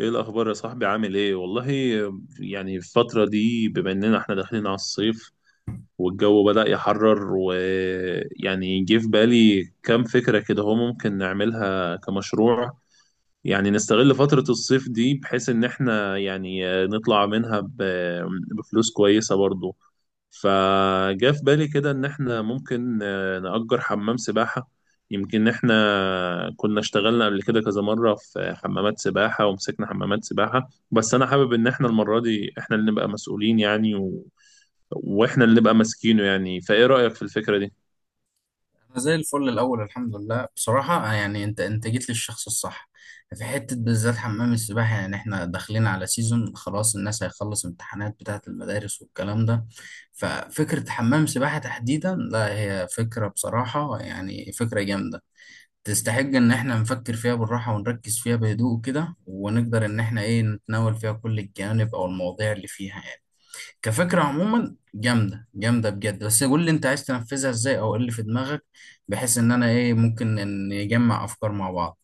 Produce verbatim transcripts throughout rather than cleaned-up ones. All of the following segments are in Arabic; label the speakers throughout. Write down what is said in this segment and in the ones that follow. Speaker 1: ايه الاخبار يا صاحبي، عامل ايه والله. يعني الفتره دي بما اننا احنا داخلين على الصيف والجو بدأ يحرر. ويعني جه في بالي كام فكره كده هو ممكن نعملها كمشروع. يعني نستغل فترة الصيف دي بحيث إن إحنا يعني آه، نطلع منها ب- بفلوس كويسة برضو. فجاء في بالي كده إن إحنا ممكن آه، نأجر حمام سباحة. يمكن إحنا كنا اشتغلنا قبل كده كذا مرة في حمامات سباحة ومسكنا حمامات سباحة. بس أنا حابب إن إحنا المرة دي إحنا اللي نبقى مسؤولين يعني و... وإحنا اللي نبقى ماسكينه يعني. فإيه رأيك في الفكرة دي؟
Speaker 2: أنا زي الفل الأول الحمد لله بصراحة آه، يعني أنت أنت جيت للشخص الصح في حتة بالذات حمام السباحة. يعني إحنا داخلين على سيزون، خلاص الناس هيخلص امتحانات بتاعة المدارس والكلام ده. ففكرة حمام سباحة تحديدا، لا هي فكرة بصراحة يعني فكرة جامدة، تستحق إن إحنا نفكر فيها بالراحة ونركز فيها بهدوء كده، ونقدر إن إحنا إيه نتناول فيها كل الجوانب أو المواضيع اللي فيها يعني. كفكرة عموما جامدة جامدة بجد، بس قول لي انت عايز تنفذها ازاي او ايه اللي في دماغك، بحيث ان انا ايه ممكن ان نجمع افكار مع بعض.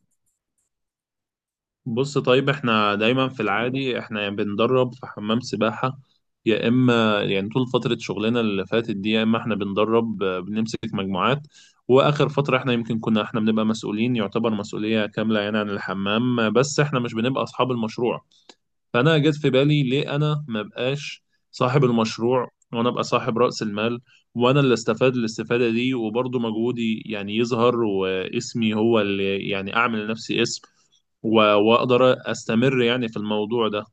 Speaker 1: بص طيب، احنا دايما في العادي احنا يا بندرب في حمام سباحة، يا اما يعني طول فترة شغلنا اللي فاتت دي يا اما احنا بندرب آه، بنمسك مجموعات. واخر فترة احنا يمكن كنا احنا بنبقى مسؤولين، يعتبر مسؤولية كاملة يعني عن الحمام، آه، بس احنا مش بنبقى اصحاب المشروع. فانا جت في بالي ليه انا ما بقاش صاحب المشروع وانا ابقى صاحب رأس المال، وانا اللي استفاد الاستفادة دي وبرضه مجهودي يعني يظهر واسمي هو اللي يعني اعمل لنفسي اسم، و- واقدر استمر يعني في الموضوع ده.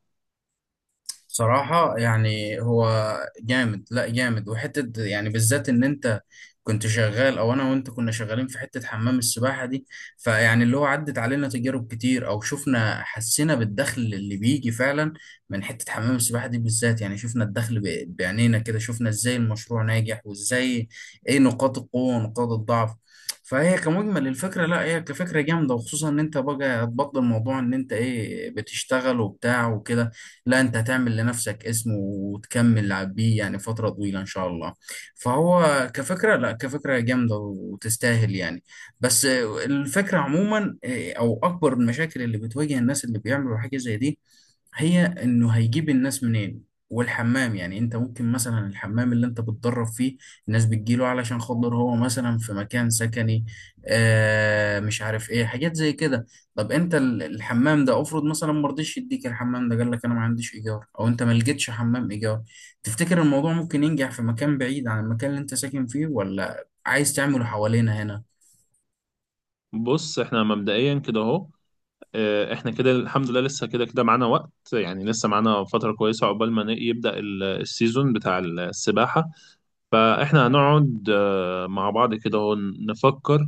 Speaker 2: صراحة يعني هو جامد، لا جامد، وحتة يعني بالذات ان انت كنت شغال، او انا وانت كنا شغالين في حتة حمام السباحة دي، فيعني اللي هو عدت علينا تجارب كتير او شفنا، حسينا بالدخل اللي بيجي فعلا من حتة حمام السباحة دي بالذات. يعني شفنا الدخل ب- بعينينا كده، شفنا ازاي المشروع ناجح، وازاي ايه نقاط القوة ونقاط الضعف. فهي كمجمل الفكرة، لا هي كفكرة جامدة، وخصوصا ان انت بقى هتبطل موضوع ان انت ايه بتشتغل وبتاع وكده. لا انت هتعمل لنفسك اسم وتكمل بيه يعني فترة طويلة ان شاء الله. فهو كفكرة، لا كفكرة جامدة وتستاهل يعني. بس الفكرة عموما آه، او اكبر المشاكل اللي بتواجه الناس اللي بيعملوا حاجة زي دي، هي انه هيجيب الناس منين. والحمام يعني انت ممكن مثلا الحمام اللي انت بتدرب فيه، الناس بتجيله علشان خاطر هو مثلا في مكان سكني، آه مش عارف ايه، حاجات زي كده. طب انت ال- الحمام ده افرض مثلا ما رضيش يديك الحمام ده، قال لك انا ما عنديش ايجار، او انت ما لقيتش حمام ايجار، تفتكر الموضوع ممكن ينجح في مكان بعيد عن المكان اللي انت ساكن فيه، ولا عايز تعمله حوالينا هنا؟
Speaker 1: بص احنا مبدئيا كده اهو. آه، احنا كده الحمد لله لسه كده كده معانا وقت يعني، لسه معانا فترة كويسة عقبال ما ن- يبدأ ال- السيزون بتاع السباحة. فاحنا هنقعد آه، مع بعض كده هو نفكر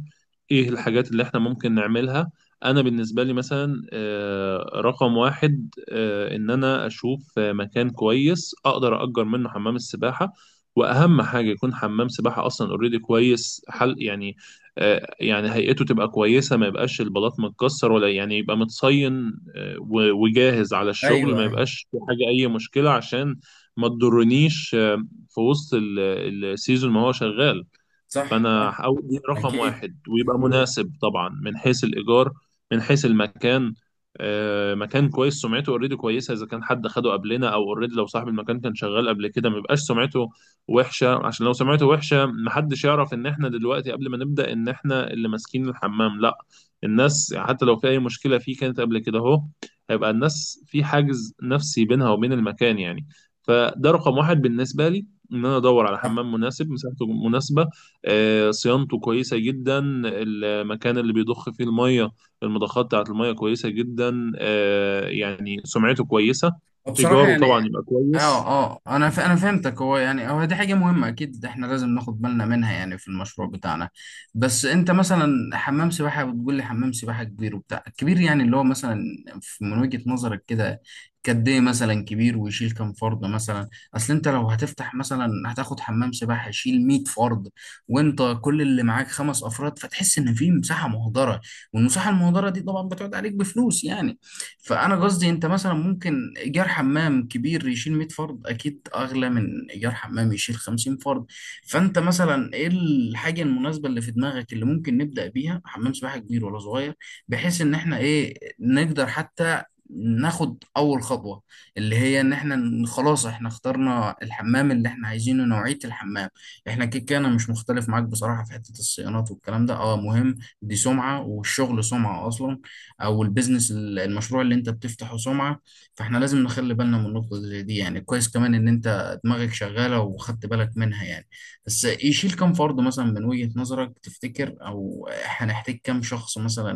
Speaker 1: ايه الحاجات اللي احنا ممكن نعملها. انا بالنسبه لي مثلا آه، رقم واحد آه، ان انا اشوف آه، مكان كويس اقدر اجر منه حمام السباحه. واهم حاجه يكون حمام سباحه اصلا اوريدي كويس، حل يعني. آه، يعني هيئته تبقى كويسه، ما يبقاش البلاط متكسر ولا يعني، يبقى متصين آه، و- وجاهز على الشغل،
Speaker 2: ايوه،
Speaker 1: ما
Speaker 2: ايوه.
Speaker 1: يبقاش في حاجه اي مشكله عشان ما تضرنيش آه، في وسط ال- السيزون ما هو شغال.
Speaker 2: صح،
Speaker 1: فانا
Speaker 2: صح.
Speaker 1: هحاول دي رقم
Speaker 2: اكيد.
Speaker 1: واحد، ويبقى مناسب طبعا من حيث الايجار، من حيث المكان. آه، مكان كويس سمعته اوريدي كويسه، اذا كان حد خده قبلنا او اوريدي لو صاحب المكان كان شغال قبل كده ما يبقاش سمعته وحشه، عشان لو سمعته وحشه محدش يعرف ان احنا دلوقتي قبل ما نبدا ان احنا اللي ماسكين الحمام، لا. الناس يعني حتى لو في اي مشكله فيه كانت قبل كده اهو، هيبقى الناس في حاجز نفسي بينها وبين المكان يعني. فده رقم واحد بالنسبه لي، ان انا ادور على
Speaker 2: آه.
Speaker 1: حمام مناسب مساحته مناسبه. آه، صيانته كويسة جدا، المكان اللي بيضخ فيه المية، المضخات بتاعة المية كويسة جدا، آه، يعني سمعته كويسة.
Speaker 2: وبصراحة
Speaker 1: إيجاره
Speaker 2: يعني
Speaker 1: طبعا يبقى
Speaker 2: اه،
Speaker 1: كويس.
Speaker 2: اه، انا ف... انا فهمتك. هو يعني هو دي حاجه مهمه اكيد، احنا لازم ناخد بالنا منها يعني في المشروع بتاعنا. بس انت مثلا حمام سباحه، بتقول لي حمام سباحه كبير وبتاع كبير يعني اللي هو مثلا في- من وجهه نظرك كده قد ايه مثلا كبير؟ ويشيل كام فرد مثلا؟ اصل انت لو هتفتح مثلا هتاخد حمام سباحه يشيل مية فرد، وانت كل اللي معاك خمس افراد، فتحس ان في مساحه مهدره، والمساحه المهدره دي طبعا بتقعد عليك بفلوس يعني. فانا قصدي، انت مثلا ممكن ايجار حمام كبير يشيل مية فرد اكيد اغلى من ايجار حمام يشيل خمسين فرد. فانت مثلا ايه الحاجه المناسبه اللي في دماغك، اللي ممكن نبدا بيها؟ حمام سباحه كبير ولا صغير؟ بحيث ان احنا ايه نقدر حتى ناخد اول خطوه، اللي هي ان احنا ن- خلاص احنا اخترنا الحمام اللي احنا عايزينه، نوعيه الحمام. احنا كده كده انا مش مختلف معاك بصراحه في حته الصيانات والكلام ده، اه مهم، دي سمعه، والشغل سمعه اصلا، او البيزنس، ال- المشروع اللي انت بتفتحه سمعة. فاحنا لازم نخلي بالنا من النقطة زي دي يعني. كويس كمان ان انت دماغك شغالة وخدت بالك منها يعني. بس يشيل كم فرد مثلا من وجهة نظرك تفتكر، او هنحتاج كم شخص مثلا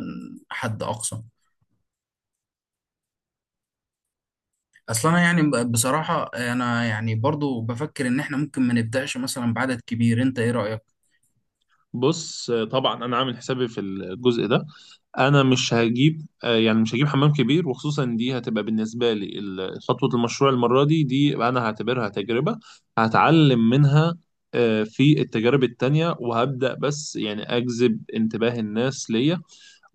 Speaker 2: حد اقصى؟ اصل انا يعني ب- بصراحة انا يعني برضو بفكر ان احنا ممكن ما نبدأش مثلا بعدد كبير. انت ايه رأيك؟
Speaker 1: بص آه، طبعا أنا عامل حسابي في الجزء ده. أنا مش هجيب آه، يعني مش هجيب حمام كبير، وخصوصا دي هتبقى بالنسبة لي ال- خطوة المشروع المرة دي، دي أنا هعتبرها تجربة هتعلم منها آه، في التجارب التانية. وهبدأ بس يعني أجذب انتباه الناس ليا،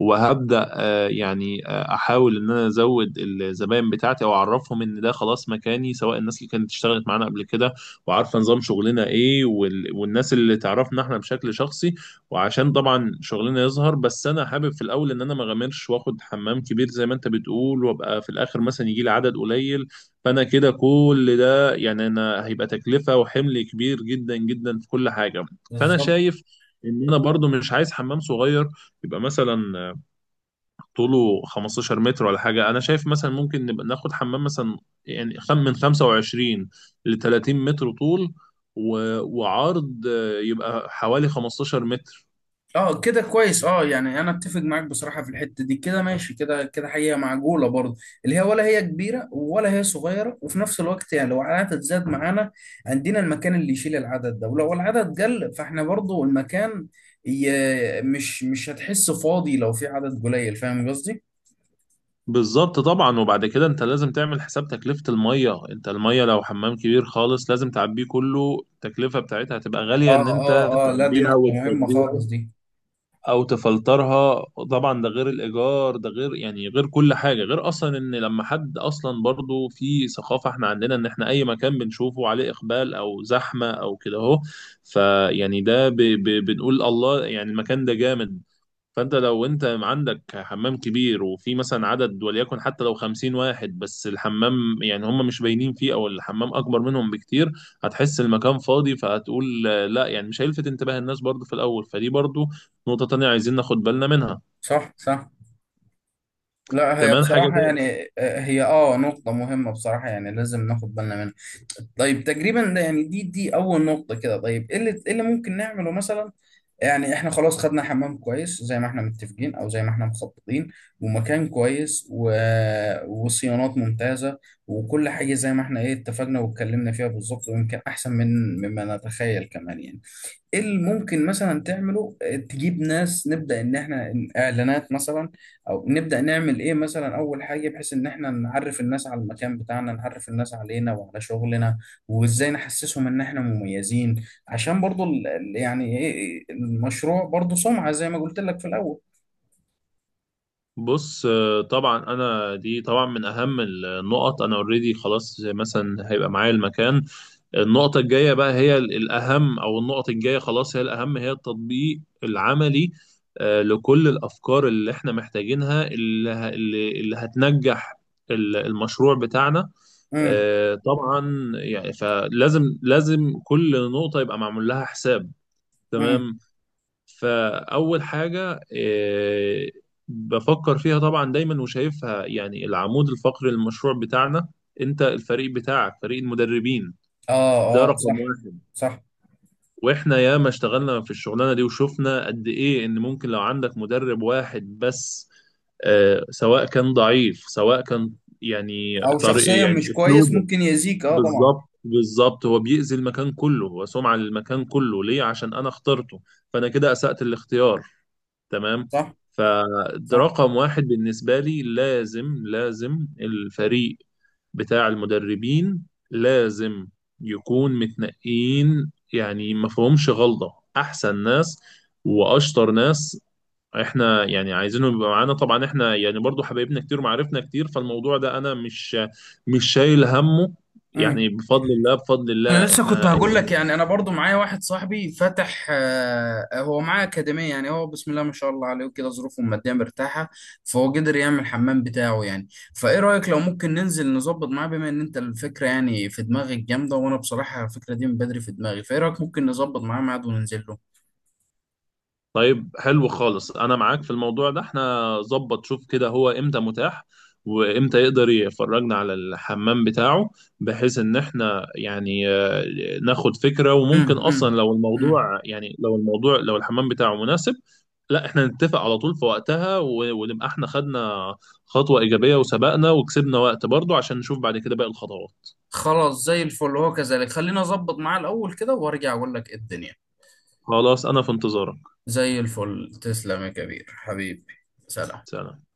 Speaker 1: وهبدأ آه، يعني آه، أحاول إن أنا أزود الزباين بتاعتي أو أعرفهم إن ده خلاص مكاني، سواء الناس اللي كانت اشتغلت معانا قبل كده وعارفة نظام شغلنا إيه، وال... والناس اللي تعرفنا إحنا بشكل شخصي وعشان طبعا شغلنا يظهر. بس أنا حابب في الأول إن أنا ما أغامرش وآخد حمام كبير زي ما أنت بتقول وأبقى في الآخر مثلا يجي لي عدد قليل. فأنا كده كل ده يعني أنا هيبقى تكلفة وحمل كبير جدا جدا في كل حاجة. فأنا شايف إن أنا برضو مش عايز حمام صغير، يبقى مثلا طوله خمستاشر متر ولا حاجة. أنا شايف مثلا ممكن نبقى ناخد حمام مثلا يعني خم من خمسة وعشرين ل ثلاثين متر طول و... وعرض آه، يبقى حوالي خمستاشر متر.
Speaker 2: اه كده كويس، اه يعني انا اتفق معاك بصراحه في الحته دي، كده ماشي، كده كده حقيقه معقوله برضه، اللي هي ولا هي كبيره ولا هي صغيره، وفي نفس الوقت يعني لو العدد زاد معانا عندنا المكان اللي يشيل العدد ده، ولو العدد قل فاحنا برضه المكان ي- مش مش هتحس فاضي لو في عدد قليل. فاهم قصدي؟
Speaker 1: بالظبط طبعا. وبعد كده انت لازم تعمل حساب تكلفة المية، انت المية لو حمام كبير خالص لازم تعبيه كله، التكلفة بتاعتها هتبقى غالية ان
Speaker 2: اه،
Speaker 1: انت
Speaker 2: اه، اه، لا دي
Speaker 1: تعبيها
Speaker 2: نقطه مهمه
Speaker 1: وتفضيها
Speaker 2: خالص دي.
Speaker 1: او تفلترها. طبعا ده غير الايجار، ده غير يعني، غير كل حاجه، غير اصلا ان لما حد اصلا برضو في ثقافه احنا عندنا ان احنا اي مكان بنشوفه عليه اقبال او زحمه او كده اهو، فيعني ده ب ب بنقول الله يعني المكان ده جامد. فانت لو انت عندك حمام كبير وفي مثلا عدد وليكن حتى لو خمسين واحد بس الحمام يعني هم مش باينين فيه او الحمام اكبر منهم بكتير، هتحس المكان فاضي فهتقول آه، لا، يعني مش هيلفت انتباه الناس برضو في الاول. فدي برضو نقطة تانية عايزين ناخد بالنا منها.
Speaker 2: صح، صح. لا هي
Speaker 1: كمان حاجة
Speaker 2: بصراحة
Speaker 1: تانية،
Speaker 2: يعني آه، هي اه نقطة مهمة بصراحة، يعني لازم ناخد بالنا منها. طيب تقريبا ده يعني دي دي أول نقطة كده. طيب ايه اللي، إيه اللي ممكن نعمله مثلا؟ يعني احنا خلاص خدنا حمام كويس زي ما احنا متفقين، أو زي ما احنا مخططين، ومكان كويس، و... وصيانات ممتازة، وكل حاجة زي ما احنا ايه اتفقنا واتكلمنا فيها بالظبط، ويمكن أحسن من مما نتخيل كمان يعني. ايه اللي ممكن مثلا تعمله آه، تجيب ناس، نبدأ ان احنا ن- اعلانات مثلا، او نبدأ نعمل ايه مثلا اول حاجة بحيث ان احنا نعرف الناس على المكان بتاعنا، نعرف الناس علينا وعلى شغلنا، وازاي نحسسهم ان احنا مميزين، عشان برضو ال- ال- يعني ايه المشروع برضو سمعة زي ما قلت لك في الاول.
Speaker 1: بص آه، طبعا انا دي طبعا من اهم النقط. انا اوريدي خلاص مثلا هيبقى معايا المكان، النقطة الجاية بقى هي ال- الأهم، أو النقط الجاية خلاص هي الأهم، هي التطبيق العملي آه، لكل الأفكار اللي إحنا محتاجينها اللي ه- اللي اللي هتنجح ال- المشروع بتاعنا.
Speaker 2: امم،
Speaker 1: آه، طبعا يعني فلازم لازم كل نقطة يبقى معمول لها حساب،
Speaker 2: امم.
Speaker 1: تمام. فأول حاجة آه، بفكر فيها طبعا دايما وشايفها يعني العمود الفقري للمشروع بتاعنا، أنت الفريق بتاعك فريق المدربين.
Speaker 2: اه،
Speaker 1: ده
Speaker 2: اه.
Speaker 1: رقم
Speaker 2: صح،
Speaker 1: واحد.
Speaker 2: صح.
Speaker 1: واحنا ياما اشتغلنا في الشغلانه دي وشفنا قد ايه ان ممكن لو عندك مدرب واحد بس آه، سواء كان ضعيف سواء كان، يعني
Speaker 2: او
Speaker 1: طريق
Speaker 2: شخصيا
Speaker 1: يعني
Speaker 2: مش كويس،
Speaker 1: اسلوبه.
Speaker 2: ممكن يأذيك، اه طبعا.
Speaker 1: بالظبط بالظبط هو بيأذي المكان كله، هو سمعة للمكان كله، ليه؟ عشان انا اخترته، فانا كده اسأت الاختيار، تمام.
Speaker 2: صح، صح.
Speaker 1: فرقم واحد بالنسبة لي لازم لازم الفريق بتاع المدربين لازم يكون متنقين يعني ما فيهمش غلطة، أحسن ناس وأشطر ناس احنا يعني عايزينهم يبقى معانا. طبعا احنا يعني برضو حبايبنا كتير ومعارفنا كتير، فالموضوع ده انا مش مش شايل همه،
Speaker 2: مم.
Speaker 1: يعني بفضل الله بفضل
Speaker 2: انا
Speaker 1: الله
Speaker 2: لسه كنت
Speaker 1: احنا.
Speaker 2: هقول لك يعني انا برضو معايا واحد صاحبي فتح آه، هو معاه اكاديميه يعني، هو بسم الله ما شاء الله عليه، وكده ظروفه الماديه مرتاحه، فهو قدر يعمل الحمام بتاعه يعني. فايه رايك لو ممكن ننزل نظبط معاه؟ بما ان انت الفكره يعني في دماغك جامده، وانا بصراحه الفكره دي من بدري في دماغي، فايه رايك ممكن نظبط معاه ميعاد وننزل له؟
Speaker 1: طيب حلو خالص، انا معاك في الموضوع ده. احنا ظبط، شوف كده هو امتى متاح وامتى يقدر يفرجنا على الحمام بتاعه، بحيث ان احنا يعني آه، ناخد فكرة.
Speaker 2: امم،
Speaker 1: وممكن اصلا
Speaker 2: امم.
Speaker 1: لو
Speaker 2: أمم.
Speaker 1: الموضوع يعني لو الموضوع لو الحمام بتاعه مناسب لا احنا نتفق على طول في وقتها، و- ونبقى احنا خدنا خطوة ايجابية وسبقنا وكسبنا وقت برضه عشان نشوف بعد كده باقي الخطوات.
Speaker 2: خلاص زي الفل، هو كذلك، خلينا اظبط معاه الاول كده وارجع اقول لك إيه الدنيا.
Speaker 1: خلاص انا في انتظارك.
Speaker 2: زي الفل، تسلم يا كبير حبيبي. سلام.
Speaker 1: سلام.